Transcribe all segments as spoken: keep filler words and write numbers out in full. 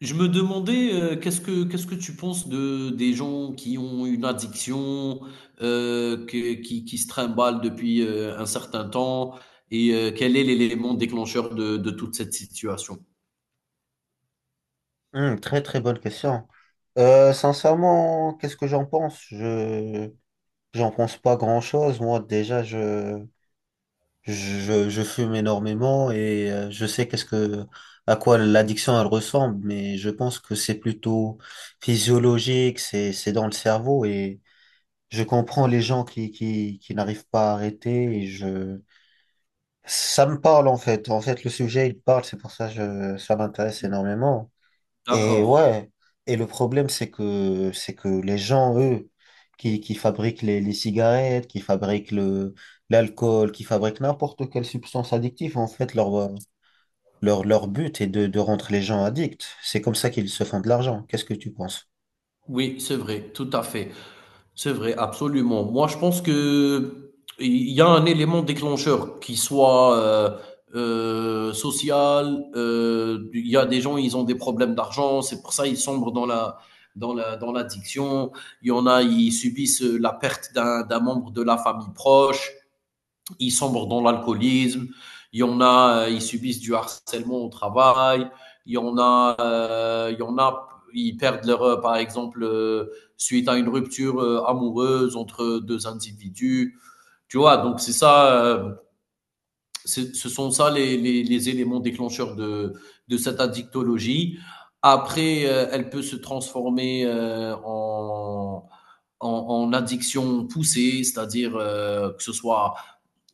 Je me demandais, euh, qu'est-ce que qu'est-ce que tu penses de des gens qui ont une addiction, euh, que- qui qui se trimballent depuis euh, un certain temps, et euh, quel est l'élément déclencheur de de toute cette situation? Hmm, très très bonne question. Euh, sincèrement, qu'est-ce que j'en pense? Je j'en pense pas grand-chose. Moi, déjà, je je, je fume énormément et euh, je sais qu'est-ce que à quoi l'addiction elle ressemble, mais je pense que c'est plutôt physiologique, c'est c'est dans le cerveau et je comprends les gens qui qui qui n'arrivent pas à arrêter et je ça me parle en fait. En fait, le sujet il parle, c'est pour ça que je ça m'intéresse énormément. Et D'accord. ouais, et le problème, c'est que, c'est que les gens, eux, qui, qui fabriquent les, les cigarettes, qui fabriquent le, l'alcool, qui fabriquent n'importe quelle substance addictive, en fait, leur, leur, leur but est de, de rendre les gens addicts. C'est comme ça qu'ils se font de l'argent. Qu'est-ce que tu penses? Oui, c'est vrai, tout à fait. C'est vrai, absolument. Moi, je pense que il y a un élément déclencheur qui soit euh, euh, social. euh, Il y a des gens, ils ont des problèmes d'argent, c'est pour ça ils sombrent dans la dans la dans l'addiction. Il y en a, ils subissent la perte d'un d'un membre de la famille proche, ils sombrent dans l'alcoolisme, il y en a, euh, ils subissent du harcèlement au travail, il y en a, euh, il y en a, ils perdent leur, euh, par exemple, euh, suite à une rupture euh, amoureuse entre deux individus. Tu vois, donc c'est ça, euh, c'est- ce sont ça les, les- les éléments déclencheurs de, de cette addictologie. Après, euh, elle peut se transformer euh, en, en, en addiction poussée, c'est-à-dire euh, que ce soit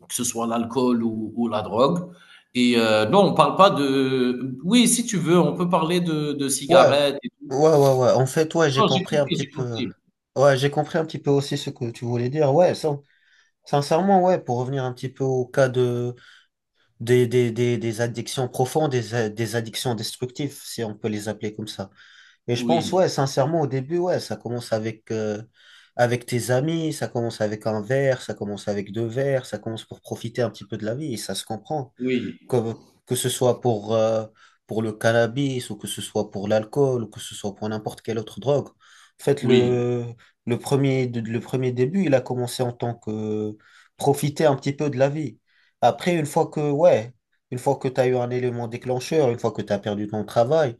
que ce soit l'alcool ou, ou la drogue. Et euh, non, on parle pas de. Oui, si tu veux, on peut parler de, de Ouais, cigarettes et tout. ouais, ouais, ouais. En fait, ouais, j'ai Non, j'ai compris un compris, petit j'ai peu. compris. Ouais, j'ai compris un petit peu aussi ce que tu voulais dire. Ouais, sin- sincèrement, ouais, pour revenir un petit peu au cas de, des, des, des, des addictions profondes, des, a- des addictions destructives, si on peut les appeler comme ça. Et je pense, Oui, ouais, sincèrement, au début, ouais, ça commence avec, euh, avec tes amis, ça commence avec un verre, ça commence avec deux verres, ça commence pour profiter un petit peu de la vie, et ça se comprend oui, que, que ce soit pour, euh, pour le cannabis ou que ce soit pour l'alcool ou que ce soit pour n'importe quelle autre drogue. En fait, oui, le, le premier, le premier début, il a commencé en tant que profiter un petit peu de la vie. Après, une fois que, ouais, une fois que tu as eu un élément déclencheur, une fois que tu as perdu ton travail,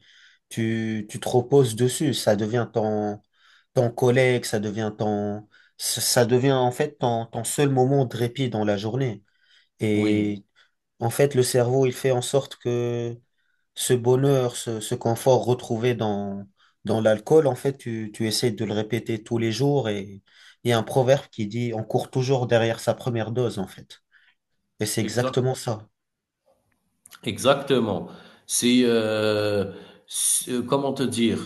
tu, tu te reposes dessus. Ça devient ton, ton collègue, ça devient ton, ça ça devient en fait ton, ton seul moment de répit dans la journée. oui, Et en fait, le cerveau, il fait en sorte que ce bonheur, ce, ce confort retrouvé dans, dans l'alcool, en fait, tu, tu essaies de le répéter tous les jours et il y a un proverbe qui dit on court toujours derrière sa première dose, en fait. Et c'est exact, exactement ça. exactement. C'est, euh, c'est- euh, comment te dire,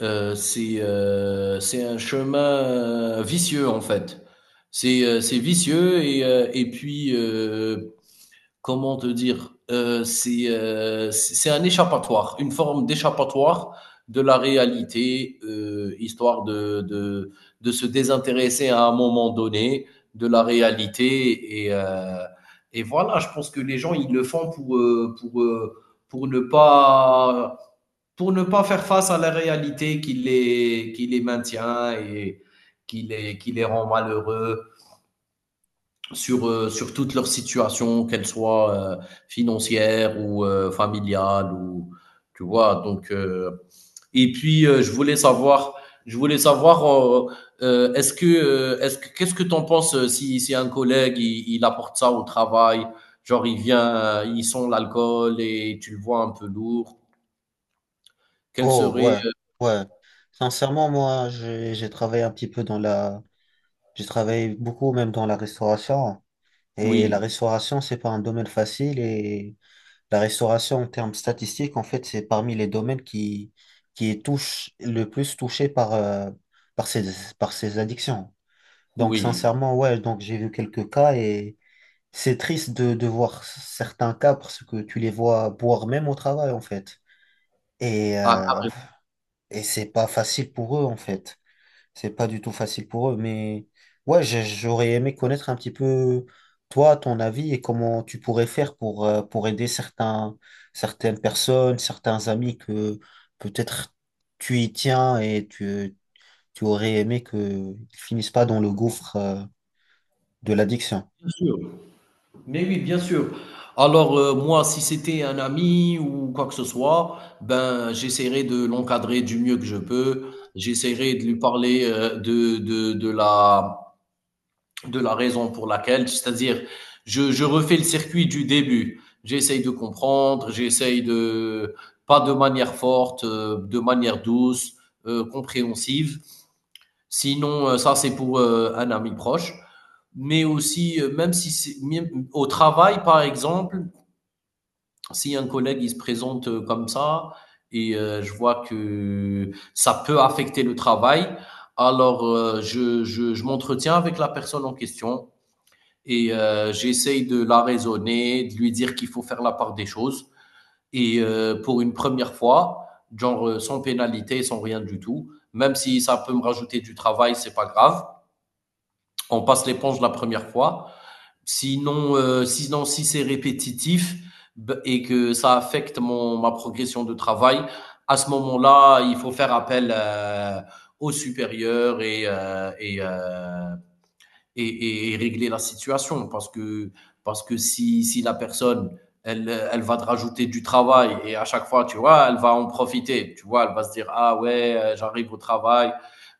Euh, c'est, euh, c'est un chemin euh, vicieux en fait. C'est, euh, c'est vicieux et, euh, et puis euh, comment te dire, euh, c'est euh, c'est un échappatoire, une forme d'échappatoire de la réalité, euh, histoire de, de, de se désintéresser à un moment donné de la réalité. Et, euh, et voilà, je pense que les gens, ils le font pour, euh, pour, euh, pour, ne, pas, pour ne pas faire face à la réalité qui les, qui les maintient et qui les, qui les rend malheureux sur, euh, sur toute leur situation, qu'elle soit euh, financière ou euh, familiale ou tu vois. Donc euh, et puis euh, je voulais savoir, je voulais savoir, euh, euh, est-ce que, euh, est-ce que, qu'est-ce que t'en penses euh, si, si un collègue il, il apporte ça au travail, genre il vient, euh, il sent l'alcool et tu le vois un peu lourd. Quel Oh, serait, ouais, euh, ouais. Sincèrement, moi, j'ai, j'ai travaillé un petit peu dans la, j'ai travaillé beaucoup même dans la restauration et la oui, restauration, c'est pas un domaine facile et la restauration, en termes statistiques, en fait, c'est parmi les domaines qui, qui est touche, le plus touché par, euh, par ces, par ces addictions. Donc, oui, sincèrement, ouais, donc j'ai vu quelques cas et c'est triste de, de voir certains cas parce que tu les vois boire même au travail, en fait. Et, ah, euh, en- ah, et c'est pas facile pour eux, en fait. C'est pas du tout facile pour eux, mais ouais, j'ai- j'aurais aimé connaître un petit peu toi, ton avis et comment tu pourrais faire pour, euh, pour aider certains, certaines personnes, certains amis que peut-être tu y tiens et tu, tu aurais aimé qu'ils finissent pas dans le gouffre, euh, de l'addiction. bien sûr. Mais oui, bien sûr. Alors, euh, moi, si c'était un ami ou quoi que ce soit, ben, j'essaierai de l'encadrer du mieux que je peux. J'essaierai de lui parler euh, de, de, de la, de la raison pour laquelle, c'est-à-dire, je, je refais le circuit du début. J'essaye de comprendre, j'essaye de, pas de manière forte, euh, de manière douce, euh, compréhensive. Sinon, euh, ça, c'est pour euh, un ami proche. Mais aussi, euh, même si c'est, même au travail, par exemple, si un collègue il se présente euh, comme ça et euh, je vois que ça peut affecter le travail, alors euh, je, je, je m'entretiens avec la personne en question et euh, j'essaye de la raisonner, de lui dire qu'il faut faire la part des choses. Et euh, pour une première fois, genre euh, sans pénalité, sans rien du tout, même si ça peut me rajouter du travail, c'est pas grave. On passe l'éponge la première fois. Sinon, euh, sinon si c'est répétitif et que ça affecte mon, ma progression de travail, à ce moment-là, il faut faire appel euh, au supérieur et, euh, et euh, et, et et régler la situation. Parce que, parce que si, si la personne, elle, elle va te rajouter du travail et à chaque fois, tu vois, elle va en profiter. Tu vois, elle va se dire, ah ouais, euh, j'arrive au travail,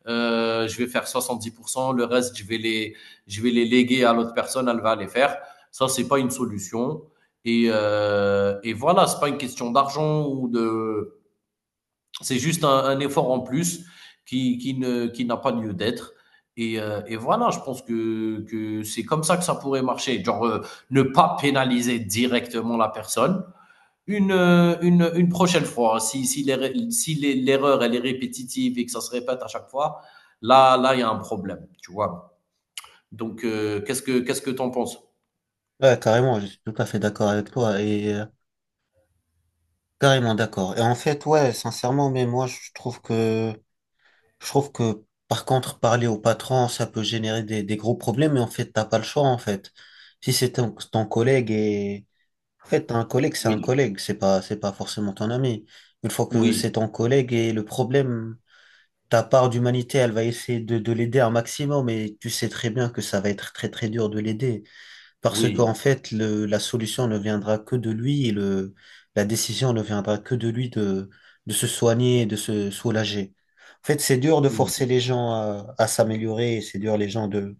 euh, je vais faire soixante dix pour cent le reste, je vais les, je vais les léguer à l'autre personne, elle va les faire. Ça, c'est pas une solution. Et, euh, et voilà, c'est pas une question d'argent ou de, c'est juste un, un effort en plus qui, qui ne, qui n'a pas lieu d'être. Et, euh, et voilà, je pense que, que c'est comme ça que ça pourrait marcher. Genre, euh, ne pas pénaliser directement la personne. Une, euh, une, une prochaine fois, hein, si, si l'erreur, si les- l'erreur, elle est répétitive et que ça se répète à chaque fois, là, là, il y a un problème, tu vois. Donc, euh, qu'est-ce que, qu'est-ce que t'en penses? Ouais, carrément, je suis tout à fait d'accord avec toi et euh, carrément d'accord. Et en fait, ouais, sincèrement, mais moi, je trouve que je trouve que par contre, parler au patron, ça peut générer des, des gros problèmes, mais en fait, t'as pas le choix, en fait. Si c'est ton, ton collègue et, en fait, un collègue, c'est un Oui, collègue, c'est pas, c'est pas forcément ton ami. Une fois que oui, c'est ton collègue et le problème, ta part d'humanité, elle va essayer de, de l'aider un maximum, mais tu sais très bien que ça va être très, très dur de l'aider. Parce qu'en oui, fait, le, la solution ne viendra que de lui et le, la décision ne viendra que de lui de, de se soigner et de se soulager. En fait, c'est dur de oui, forcer les gens à, à s'améliorer et c'est dur les gens de,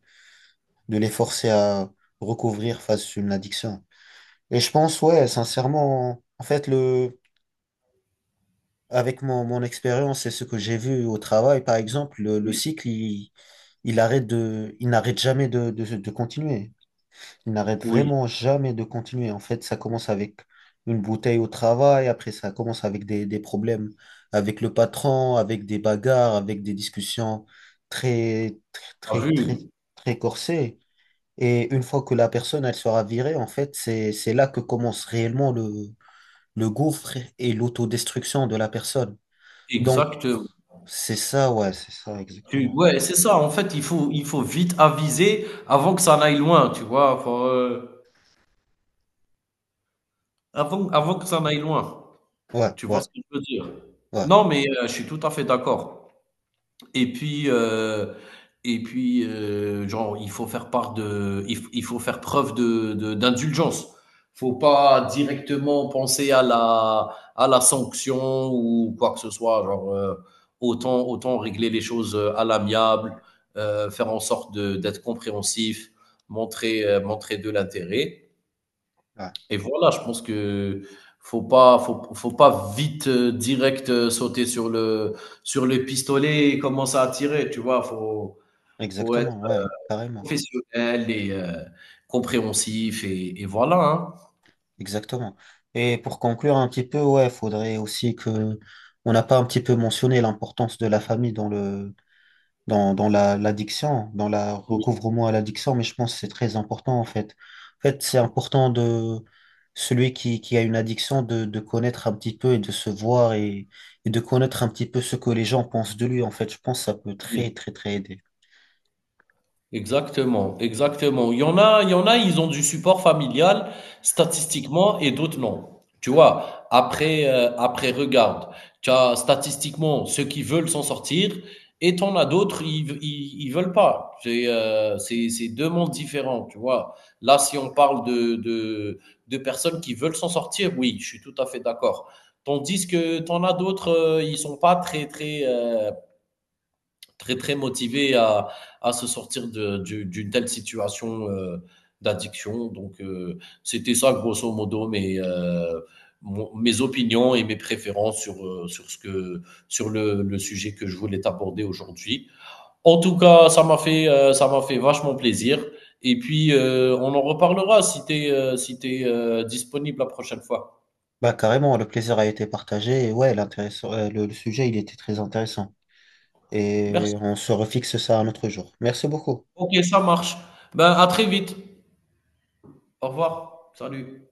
de les forcer à recouvrir face à une addiction. Et je pense, ouais, sincèrement, en fait, le, avec mon, mon expérience et ce que j'ai vu au travail, par exemple, le, le oui, cycle, il, il arrête de, il n'arrête jamais de, de, de continuer. Il n'arrête oui. vraiment jamais de continuer. En fait, ça commence avec une bouteille au travail, après ça commence avec des, des problèmes avec le patron, avec des bagarres, avec des discussions très, T'as très, très, très, vu? très corsées. Et une fois que la personne, elle sera virée, en fait, c'est, c'est là que commence réellement le, le gouffre et l'autodestruction de la personne. Donc, Exactement. c'est ça, ouais, c'est ça, Tu exactement. ouais, c'est ça, en fait, il faut il faut vite aviser avant que ça n'aille loin, tu vois? Faut, heu, avant avant que ça n'aille loin. Ouais, Tu vois ouais, ce que je veux dire? ouais, Non, mais heu, je suis tout à fait d'accord. Et puis, heu et puis, heu, genre, il faut faire part de il f il faut faire preuve de de d'indulgence. Faut pas directement penser à la à la sanction ou quoi que ce soit, genre, heu, autant autant régler les choses, heu, à l'amiable, heu, faire en sorte de d'être compréhensif, montrer, heu, montrer de l'intérêt. ouais, Et voilà, je pense que faut pas, faut, faut pas vite euh, direct euh, sauter sur le sur le pistolet et commencer à tirer, tu vois. Faut faut être exactement, ouais, carrément. professionnel et euh, compréhensif et, et voilà. Hein. Exactement. Et pour conclure un petit peu, ouais, faudrait aussi que on n'a pas un petit peu mentionné l'importance de la famille dans le dans, dans la l'addiction, dans la recouvrement à l'addiction, mais je pense que c'est très important en fait. En fait, c'est important de celui qui, qui a une addiction de, de connaître un petit peu et de se voir et, et de connaître un petit peu ce que les gens pensent de lui. En fait, je pense que ça peut Oui. très très très aider. Exactement, exactement. Il y en a, il y en a, ils ont du support familial statistiquement et d'autres non. Tu vois, après, euh, après, regarde, tu as statistiquement ceux qui veulent s'en sortir et t'en as d'autres, ils, ils, ils veulent pas. C'est, euh, c'est, c'est deux mondes différents, tu vois. Là, si on parle de, de, de personnes qui veulent s'en sortir, oui, je suis tout à fait d'accord. Tandis que t'en as d'autres, euh, ils sont pas très, très, euh, très très motivé à, à se sortir de- du- d'une telle situation euh, d'addiction. Donc euh, c'était ça grosso modo mes, euh, mon- mes opinions et mes préférences sur, euh, sur, ce que, sur le, le sujet que je voulais aborder aujourd'hui. En tout cas, ça m'a fait, euh, ça m'a fait vachement plaisir. Et puis, euh, on en reparlera si tu es, si t'es, euh, disponible la prochaine fois. Bah carrément, le plaisir a été partagé et ouais, l'intéressant, euh, le le sujet, il était très intéressant. Et Merci. on se refixe ça un autre jour. Merci beaucoup. Ok, ça marche. Ben, à très vite. Au revoir. Salut.